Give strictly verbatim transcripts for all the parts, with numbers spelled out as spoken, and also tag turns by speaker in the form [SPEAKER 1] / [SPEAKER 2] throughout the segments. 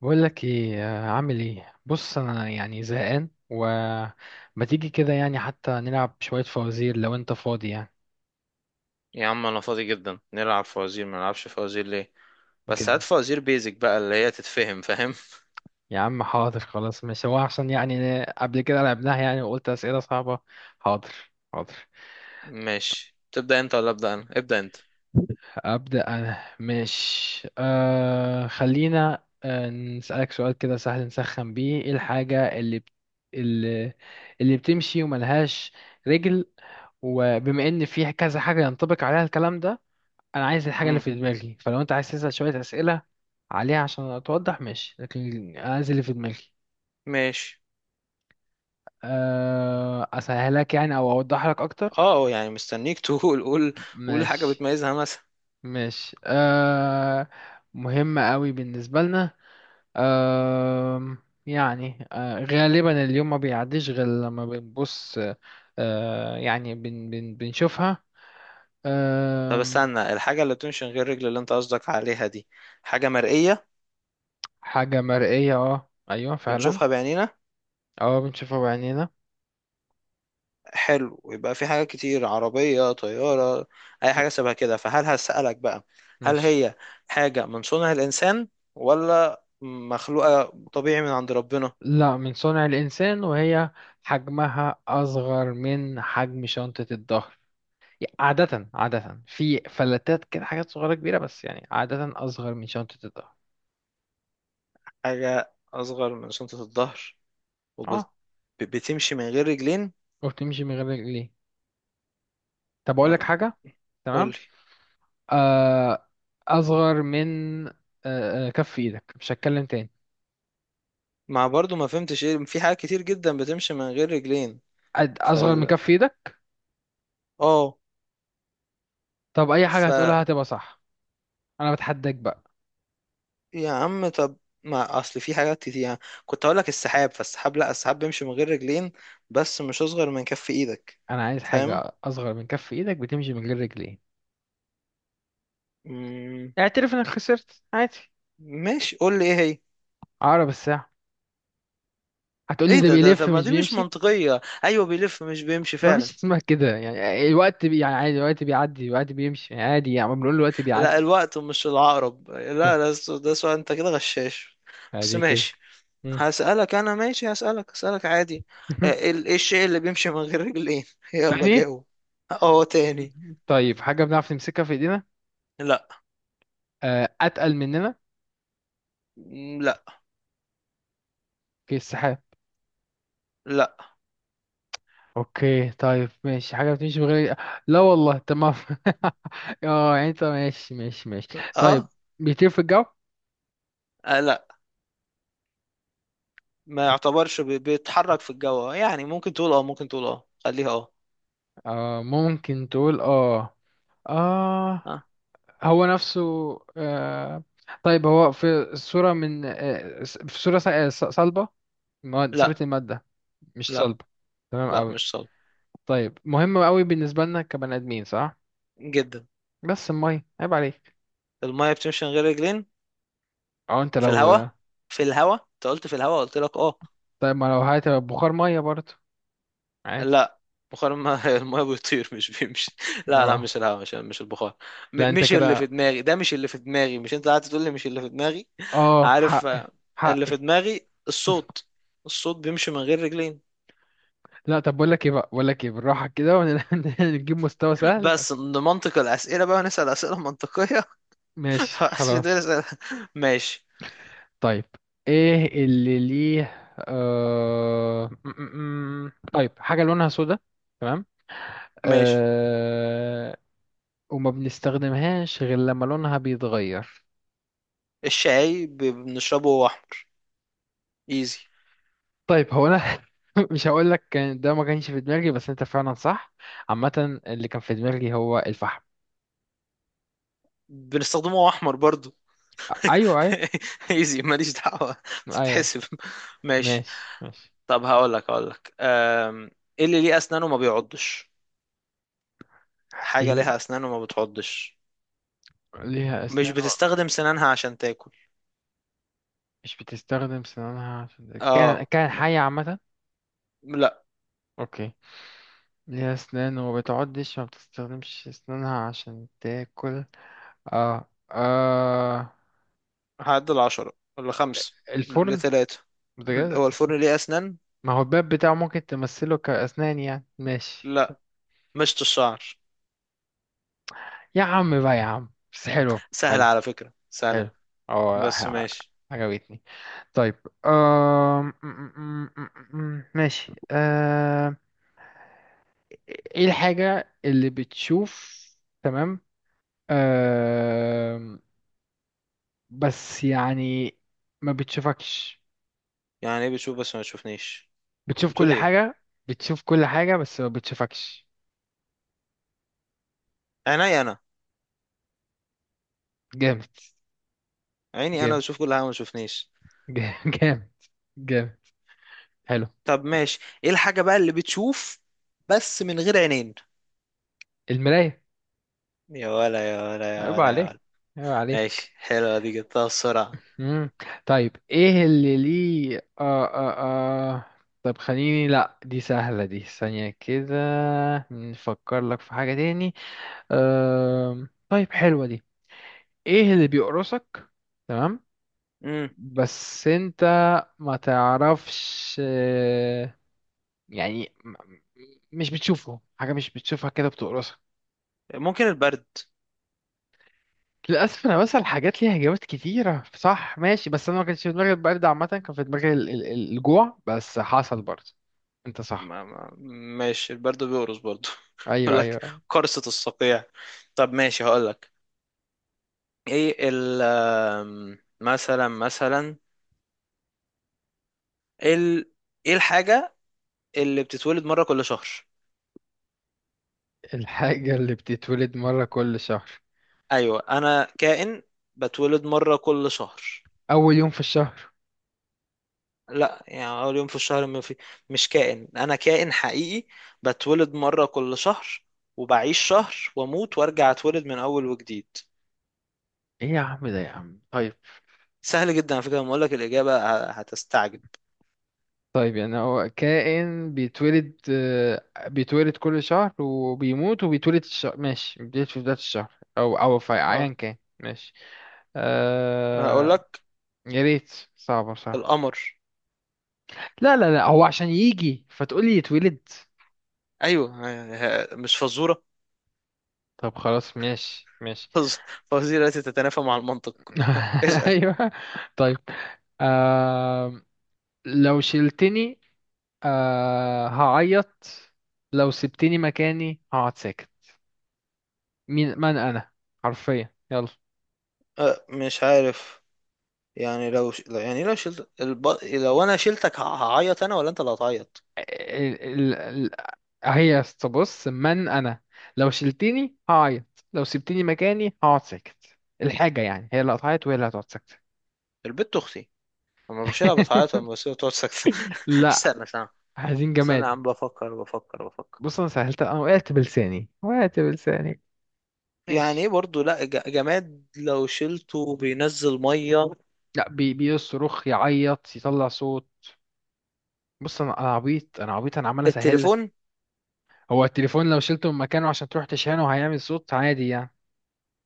[SPEAKER 1] بقول لك ايه، آه، عامل ايه؟ بص، انا يعني زهقان، وما تيجي كده يعني حتى نلعب شوية فوازير لو انت فاضي يعني.
[SPEAKER 2] يا عم انا فاضي جدا، نلعب فوازير. ما نلعبش فوازير ليه؟ بس هات
[SPEAKER 1] جامد.
[SPEAKER 2] فوازير بيزك بقى اللي هي تتفهم، فاهم؟
[SPEAKER 1] يا عم حاضر، خلاص. مش هو عشان يعني قبل كده لعبناها يعني وقلت أسئلة صعبة. حاضر. حاضر.
[SPEAKER 2] ماشي، تبدأ انت ولا ابدأ انا؟ ابدأ انت.
[SPEAKER 1] أبدأ أنا. مش آه خلينا آه نسألك سؤال كده سهل نسخن بيه. ايه الحاجة اللي بت... اللي اللي بتمشي وملهاش رجل؟ وبما ان في كذا حاجة ينطبق عليها الكلام ده، انا عايز الحاجه اللي
[SPEAKER 2] امم
[SPEAKER 1] في دماغي. فلو انت عايز تسال شويه اسئله عليها عشان اتوضح ماشي، لكن أنا عايز اللي في دماغي.
[SPEAKER 2] ماشي.
[SPEAKER 1] أه، اسهلك يعني او اوضح لك اكتر.
[SPEAKER 2] اه، يعني مستنيك. تقول، قول. قول حاجة
[SPEAKER 1] ماشي
[SPEAKER 2] بتميزها مثلا.
[SPEAKER 1] ماشي أه. مهمه قوي بالنسبه لنا. أه. يعني أه غالبا اليوم ما بيعديش غير لما بنبص. أه، يعني بن بن بنشوفها.
[SPEAKER 2] طب
[SPEAKER 1] أه.
[SPEAKER 2] استنى، الحاجة اللي بتمشي من غير رجل اللي انت قصدك عليها دي حاجة مرئية؟
[SPEAKER 1] حاجه مرئيه، اه، ايوه فعلا.
[SPEAKER 2] بنشوفها بعينينا؟
[SPEAKER 1] اه، بنشوفها بعينينا.
[SPEAKER 2] حلو، يبقى في حاجات كتير: عربية، طيارة، أي
[SPEAKER 1] لا.
[SPEAKER 2] حاجة شبه كده. فهل هسألك بقى، هل
[SPEAKER 1] ماشي.
[SPEAKER 2] هي حاجة من صنع الإنسان ولا مخلوقة طبيعي من عند ربنا؟
[SPEAKER 1] لا، من صنع الإنسان. وهي حجمها أصغر من حجم شنطة الظهر. يعني عادة عادة في فلتات كده حاجات صغيرة كبيرة، بس يعني عادة أصغر من شنطة الظهر.
[SPEAKER 2] حاجة أصغر من شنطة الظهر
[SPEAKER 1] اه.
[SPEAKER 2] وبتمشي من غير رجلين؟
[SPEAKER 1] وبتمشي من غير رجلين. طب أقول لك
[SPEAKER 2] أم،
[SPEAKER 1] حاجة.
[SPEAKER 2] قولي.
[SPEAKER 1] تمام. آه أصغر من آه آه، كف إيدك. مش هتكلم تاني.
[SPEAKER 2] مع برضو ما فهمتش ايه، في حاجات كتير جدا بتمشي من غير رجلين.
[SPEAKER 1] أد- أصغر من
[SPEAKER 2] فال
[SPEAKER 1] كف إيدك.
[SPEAKER 2] اه.
[SPEAKER 1] طب أي حاجة هتقولها هتبقى صح. أنا بتحداك بقى.
[SPEAKER 2] يا عم طب، ما اصل في حاجات كتير يعني، كنت اقول لك السحاب، فالسحاب، لا، السحاب بيمشي من غير رجلين بس مش اصغر من كف ايدك.
[SPEAKER 1] أنا عايز
[SPEAKER 2] فاهم؟
[SPEAKER 1] حاجة أصغر من كف إيدك بتمشي من غير رجلين.
[SPEAKER 2] مم،
[SPEAKER 1] اعترف إنك خسرت، عادي.
[SPEAKER 2] ماشي، قول لي ايه هي.
[SPEAKER 1] عقرب الساعة. هتقولي
[SPEAKER 2] ايه
[SPEAKER 1] ده
[SPEAKER 2] ده ده؟
[SPEAKER 1] بيلف
[SPEAKER 2] طب، ما
[SPEAKER 1] مش
[SPEAKER 2] دي مش
[SPEAKER 1] بيمشي.
[SPEAKER 2] منطقية، ايوه بيلف مش بيمشي
[SPEAKER 1] مفيش
[SPEAKER 2] فعلا.
[SPEAKER 1] اسمها كده. يعني الوقت بي يعني عادي، الوقت بيعدي، الوقت بيمشي يعني عادي، يعني ما بنقول الوقت
[SPEAKER 2] لا،
[SPEAKER 1] بيعدي.
[SPEAKER 2] الوقت مش العقرب.
[SPEAKER 1] طب
[SPEAKER 2] لا، لا، السو- ده سؤال، انت كده غشاش، بس
[SPEAKER 1] عادي كده.
[SPEAKER 2] ماشي.
[SPEAKER 1] مم.
[SPEAKER 2] هسألك انا ماشي، هسألك هسألك عادي. آه، ال- ايه الشيء اللي بيمشي من غير رجلين؟ يلا
[SPEAKER 1] تاني.
[SPEAKER 2] جاوب. اه تاني.
[SPEAKER 1] طيب حاجة بنعرف نمسكها في ايدينا.
[SPEAKER 2] لا،
[SPEAKER 1] آه، أتقل مننا.
[SPEAKER 2] لا،
[SPEAKER 1] في السحاب.
[SPEAKER 2] لا،
[SPEAKER 1] اوكي طيب، ماشي، حاجة بتمشي من غير. لا والله، تمام. اه يعني انت ماشي ماشي ماشي. طيب.
[SPEAKER 2] اه.
[SPEAKER 1] بيطير في الجو.
[SPEAKER 2] آه، لا. ما يعتبرش بي- بيتحرك في الجو يعني، ممكن تقول اه، ممكن تقول اه، خليها اه.
[SPEAKER 1] آه، ممكن تقول اه. اه.
[SPEAKER 2] ها؟
[SPEAKER 1] هو نفسه. آه. طيب، هو في صورة من آه في صورة ص- آه، ص- صلبة. مواد- صورة
[SPEAKER 2] لا،
[SPEAKER 1] المادة. مش
[SPEAKER 2] لا،
[SPEAKER 1] صلبة. تمام
[SPEAKER 2] لا،
[SPEAKER 1] أوي.
[SPEAKER 2] مش صلب.
[SPEAKER 1] طيب مهم أوي بالنسبة لنا كبني آدمين، صح؟
[SPEAKER 2] جدا.
[SPEAKER 1] بس المية، عيب عليك.
[SPEAKER 2] المية بتمشي من غير رجلين.
[SPEAKER 1] اه انت
[SPEAKER 2] في
[SPEAKER 1] لو.
[SPEAKER 2] الهواء. في الهواء، انت قلت في الهواء، قلت لك اه.
[SPEAKER 1] طيب ما لو هات بخار مية برضه، عادي.
[SPEAKER 2] لا، بخار المية. المية بيطير مش بيمشي. لا، لا،
[SPEAKER 1] اه.
[SPEAKER 2] مش الهواء، مش مش البخار.
[SPEAKER 1] لا
[SPEAKER 2] م-
[SPEAKER 1] انت
[SPEAKER 2] مش اللي في
[SPEAKER 1] كده.
[SPEAKER 2] دماغي، ده مش اللي في دماغي، مش انت قاعد تقول لي مش اللي في دماغي.
[SPEAKER 1] اه،
[SPEAKER 2] عارف.
[SPEAKER 1] حقي.
[SPEAKER 2] آه، اللي
[SPEAKER 1] حقي.
[SPEAKER 2] في دماغي الصوت. الصوت بيمشي من غير رجلين.
[SPEAKER 1] لا. طب بقول لك ايه بقى، بقول لك ايه، بالراحة كده ونجيب مستوى سهل
[SPEAKER 2] بس
[SPEAKER 1] عشان.
[SPEAKER 2] نمنطق الأسئلة بقى، نسأل أسئلة منطقية.
[SPEAKER 1] ماشي
[SPEAKER 2] عشان تقدر
[SPEAKER 1] خلاص.
[SPEAKER 2] تسأل- ماشي.
[SPEAKER 1] طيب، ايه اللي ليه آه... م- م- م. طيب حاجة لونها سودا. تمام.
[SPEAKER 2] ماشي.
[SPEAKER 1] آه... وما بنستخدمهاش غير لما لونها بيتغير.
[SPEAKER 2] الشاي ب- بنشربه وهو احمر. ايزي.
[SPEAKER 1] طيب هو انا مش هقول لك كان ده ما كانش في دماغي، بس انت فعلا صح. عامة اللي كان في دماغي هو الفحم.
[SPEAKER 2] بنستخدمه وهو احمر برضو.
[SPEAKER 1] ايوه ايوه.
[SPEAKER 2] ايزي، ماليش دعوة،
[SPEAKER 1] ايوه.
[SPEAKER 2] تتحسب، ماشي.
[SPEAKER 1] ماشي ماشي.
[SPEAKER 2] طب هقول لك هقول لك أم، ايه اللي ليه اسنان وما بيعضش؟ حاجة
[SPEAKER 1] إيه.
[SPEAKER 2] ليها اسنان وما بتعضش،
[SPEAKER 1] ليها
[SPEAKER 2] مش
[SPEAKER 1] اسنان و.
[SPEAKER 2] بتستخدم سنانها عشان تاكل.
[SPEAKER 1] مش بتستخدم سنانها عشان كان
[SPEAKER 2] اه،
[SPEAKER 1] كان
[SPEAKER 2] ما-
[SPEAKER 1] حية عامة.
[SPEAKER 2] لا.
[SPEAKER 1] اوكي. ليها أسنان وما بتعضش، ما بتستخدمش أسنانها عشان تاكل. اه اه.
[SPEAKER 2] هعدل عشرة، ولا خمسة،
[SPEAKER 1] الفرن.
[SPEAKER 2] لثلاثة؟
[SPEAKER 1] بجد.
[SPEAKER 2] هو الفرن ليه اسنان؟
[SPEAKER 1] ما هو الباب بتاعه ممكن تمثله كأسنان يعني، ماشي.
[SPEAKER 2] لا، مشط الشعر.
[SPEAKER 1] يا عم بقى، يا عم، بس حلو.
[SPEAKER 2] سهلة
[SPEAKER 1] حلو.
[SPEAKER 2] على فكرة، سهلة،
[SPEAKER 1] حلو. اه
[SPEAKER 2] بس
[SPEAKER 1] ح-
[SPEAKER 2] ماشي.
[SPEAKER 1] عجبتني. طيب. آه... ماشي. آه... ايه الحاجة اللي بتشوف. تمام. آه... بس يعني ما بتشوفكش.
[SPEAKER 2] يعني ايه بتشوف بس ما تشوفنيش؟
[SPEAKER 1] بتشوف
[SPEAKER 2] بتقول
[SPEAKER 1] كل
[SPEAKER 2] ايه؟
[SPEAKER 1] حاجة. بتشوف كل حاجة بس ما بتشوفكش.
[SPEAKER 2] عيني انا.
[SPEAKER 1] جامد.
[SPEAKER 2] عيني انا
[SPEAKER 1] جامد.
[SPEAKER 2] بشوف كل حاجه ما تشوفنيش.
[SPEAKER 1] جامد جامد. جامد. حلو.
[SPEAKER 2] طب ماشي، ايه الحاجه بقى اللي بتشوف بس من غير عينين؟
[SPEAKER 1] المراية.
[SPEAKER 2] يا ولا، يا ولا، يا
[SPEAKER 1] عيب
[SPEAKER 2] ولا، يا
[SPEAKER 1] عليك.
[SPEAKER 2] ولا.
[SPEAKER 1] عيب عليك.
[SPEAKER 2] ماشي، حلوه دي، جبتها بسرعه.
[SPEAKER 1] مم. طيب ايه اللي ليه آه آه آه. طب خليني، لا دي سهلة، دي ثانية كده. نفكر لك في حاجة تاني. آه... طيب حلوة دي. ايه اللي بيقرصك. تمام.
[SPEAKER 2] امم
[SPEAKER 1] بس انت ما تعرفش، يعني م- مش بتشوفه، حاجة مش بتشوفها كده بتقرصها.
[SPEAKER 2] ممكن البرد.
[SPEAKER 1] للأسف أنا بسأل حاجات ليها إجابات كتيرة، صح، ماشي، بس أنا ما كانش في دماغي البرد. عامة كان في دماغي ال- ال- الجوع، بس حصل برضه. أنت صح.
[SPEAKER 2] ما ما ماشي، البرد بيقرص برضه.
[SPEAKER 1] أيوه
[SPEAKER 2] بقول
[SPEAKER 1] أيوه
[SPEAKER 2] لك،
[SPEAKER 1] أيوة.
[SPEAKER 2] قرصه الصقيع. طب ماشي، هقول لك، ايه ال، أم، مثلا، مثلا ال ايه الحاجه اللي بتتولد مره كل شهر؟
[SPEAKER 1] الحاجة اللي بتتولد مرة كل شهر.
[SPEAKER 2] ايوه انا كائن، بتولد مره كل شهر.
[SPEAKER 1] أول يوم في الشهر.
[SPEAKER 2] لا يعني اول يوم في الشهر، ما في، مش كائن، انا كائن حقيقي، بتولد مره كل شهر وبعيش شهر واموت وارجع اتولد من اول وجديد.
[SPEAKER 1] إيه يا عم ده، يا عم، طيب.
[SPEAKER 2] سهل جدا على فكره، لما اقول لك الاجابه ه- هتستعجب.
[SPEAKER 1] طيب يعني هو كائن بيتولد، آه، بيتولد كل شهر وبيموت وبيتولد الشهر، ماشي، بيتولد في بداية الشهر أو أو في أيا
[SPEAKER 2] اه
[SPEAKER 1] كان، ماشي.
[SPEAKER 2] انا اقول
[SPEAKER 1] آه.
[SPEAKER 2] لك،
[SPEAKER 1] يا ريت. صعبة، صح؟
[SPEAKER 2] القمر.
[SPEAKER 1] لا لا لا، هو عشان يجي فتقولي يتولد.
[SPEAKER 2] ايوه، ه- ه- مش فزوره.
[SPEAKER 1] طب خلاص، ماشي ماشي.
[SPEAKER 2] فز- فوازير التي تتنافى مع المنطق. اسال.
[SPEAKER 1] ايوه. طيب. آه... لو شلتني آه... هعيط. لو سبتني مكاني هقعد ساكت. مين من انا؟ حرفيا يلا.
[SPEAKER 2] أه، مش عارف، يعني لو ش... يعني لو شلت الب... لو انا شلتك، ه- هعيط انا ولا انت اللي هتعيط؟
[SPEAKER 1] آه، ال... ال... ال... هي بص، من انا؟ لو شلتني هعيط، لو سبتني مكاني هقعد ساكت. الحاجة يعني هي اللي قطعت وهي اللي هتقعد ساكتة.
[SPEAKER 2] البت اختي، لما بشيلها بتعيط، لما بسيبها تقعد ساكته.
[SPEAKER 1] لا.
[SPEAKER 2] استنى، استنى،
[SPEAKER 1] عايزين
[SPEAKER 2] استنى يا
[SPEAKER 1] جماد.
[SPEAKER 2] عم، بفكر، بفكر، بفكر.
[SPEAKER 1] بص انا سهلت، انا وقعت بلساني، وقعت بلساني.
[SPEAKER 2] يعني
[SPEAKER 1] ماشي.
[SPEAKER 2] ايه برضه، لا ج- جماد لو شلته بينزل ميه؟
[SPEAKER 1] لا، بي بيصرخ، يعيط، يطلع صوت. بص انا، انا عبيط، انا عبيط، انا عمال اسهل لك.
[SPEAKER 2] التليفون؟
[SPEAKER 1] هو التليفون لو شلته من مكانه عشان تروح تشحنه هيعمل صوت عادي يعني.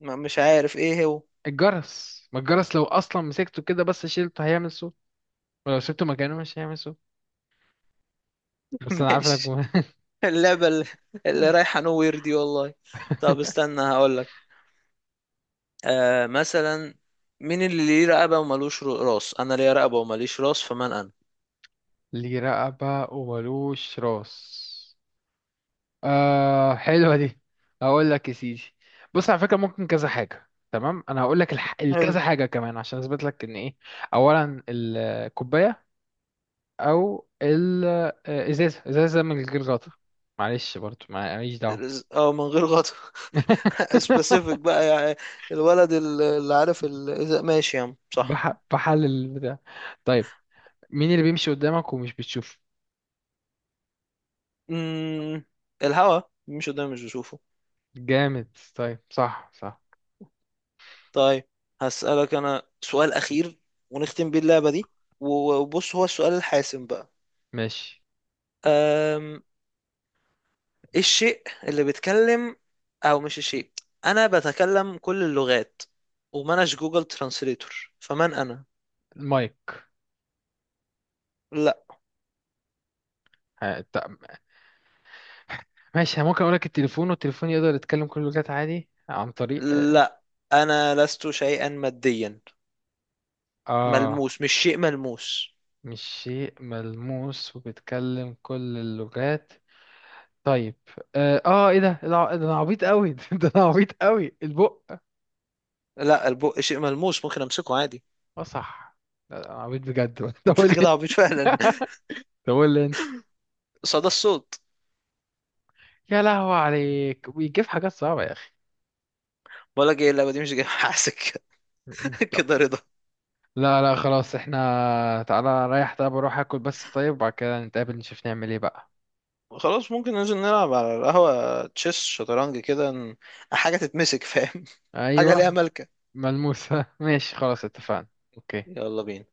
[SPEAKER 2] ما مش عارف ايه هو.
[SPEAKER 1] الجرس. ما الجرس لو اصلا مسكته كده بس شلته هيعمل صوت، ولو سبته مكانه مش هيعمل صوت. بس انا عارف انك.
[SPEAKER 2] ماشي. اللعبه اللي,
[SPEAKER 1] م-
[SPEAKER 2] اللي رايحه نوير دي والله. طب استنى، هقول لك، آه مثلا، مين اللي ليه رقبه ومالوش رو- راس؟ انا ليا رقبه وماليش راس، فمن انا؟
[SPEAKER 1] ليه رقبة وملوش راس. آه حلوة دي. هقول لك يا سيدي. بص على فكرة ممكن كذا حاجة، تمام، انا هقول لك الح... الكذا
[SPEAKER 2] حلو.
[SPEAKER 1] حاجة كمان عشان اثبت لك ان ايه. اولا الكوباية، او الازازة، ازازة من غير غطا. معلش برضو ما- ماليش دعوة.
[SPEAKER 2] اه، من غير غطا. سبيسيفيك بقى يعني. الولد ال- اللي عارف ال... إذا- ماشي يا عم صح.
[SPEAKER 1] بح... بحلل البتاع. طيب، مين اللي بيمشي قدامك ومش بتشوفه؟
[SPEAKER 2] امم الهوا، مش قدام، مش بشوفه.
[SPEAKER 1] جامد. طيب، صح صح.
[SPEAKER 2] طيب هسألك انا سؤال اخير، ونختم بيه اللعبة دي، وبص هو السؤال الحاسم بقى.
[SPEAKER 1] ماشي.
[SPEAKER 2] أم... إيه الشيء اللي بيتكلم، او مش الشيء، انا بتكلم كل اللغات ومناش جوجل ترانسليتور، فمن انا؟
[SPEAKER 1] المايك.
[SPEAKER 2] لا.
[SPEAKER 1] ه- ت- ماشي. أنا ممكن اقول لك التليفون، والتليفون يقدر يتكلم كل اللغات عادي عن طريق آه،
[SPEAKER 2] لا، انا لست شيئا ماديا،
[SPEAKER 1] آه.
[SPEAKER 2] ملموس، مش شيء ملموس.
[SPEAKER 1] مش شيء ملموس وبيتكلم كل اللغات. طيب. آه, آه إيه ده الع- ده أنا عبيط أوي. ده أنا عبيط أوي. البق.
[SPEAKER 2] لا، البق شيء ملموس ممكن امسكه عادي.
[SPEAKER 1] آه صح. لا، ده أنا عبيط بجد. طب قول
[SPEAKER 2] انت
[SPEAKER 1] لي.
[SPEAKER 2] كده عبيط فعلا.
[SPEAKER 1] طب قول لي أنت.
[SPEAKER 2] صدى الصوت.
[SPEAKER 1] يا لهوي عليك بيجيب حاجات صعبة يا أخي.
[SPEAKER 2] بقول لك ايه، اللعبه دي مش جايه حاسك.
[SPEAKER 1] طب.
[SPEAKER 2] كده رضا.
[SPEAKER 1] لا لا خلاص، احنا. تعالى رايح، طيب اروح اكل بس، طيب وبعد كده نتقابل نشوف نعمل ايه بقى.
[SPEAKER 2] خلاص، ممكن ننزل نلعب على القهوه، تشيس، شطرنج كده، ن- حاجه تتمسك، فاهم؟ حاجه ليها
[SPEAKER 1] ايوه.
[SPEAKER 2] ملكه.
[SPEAKER 1] ملموسة. ماشي خلاص، اتفقنا. اوكي.
[SPEAKER 2] يلا بينا.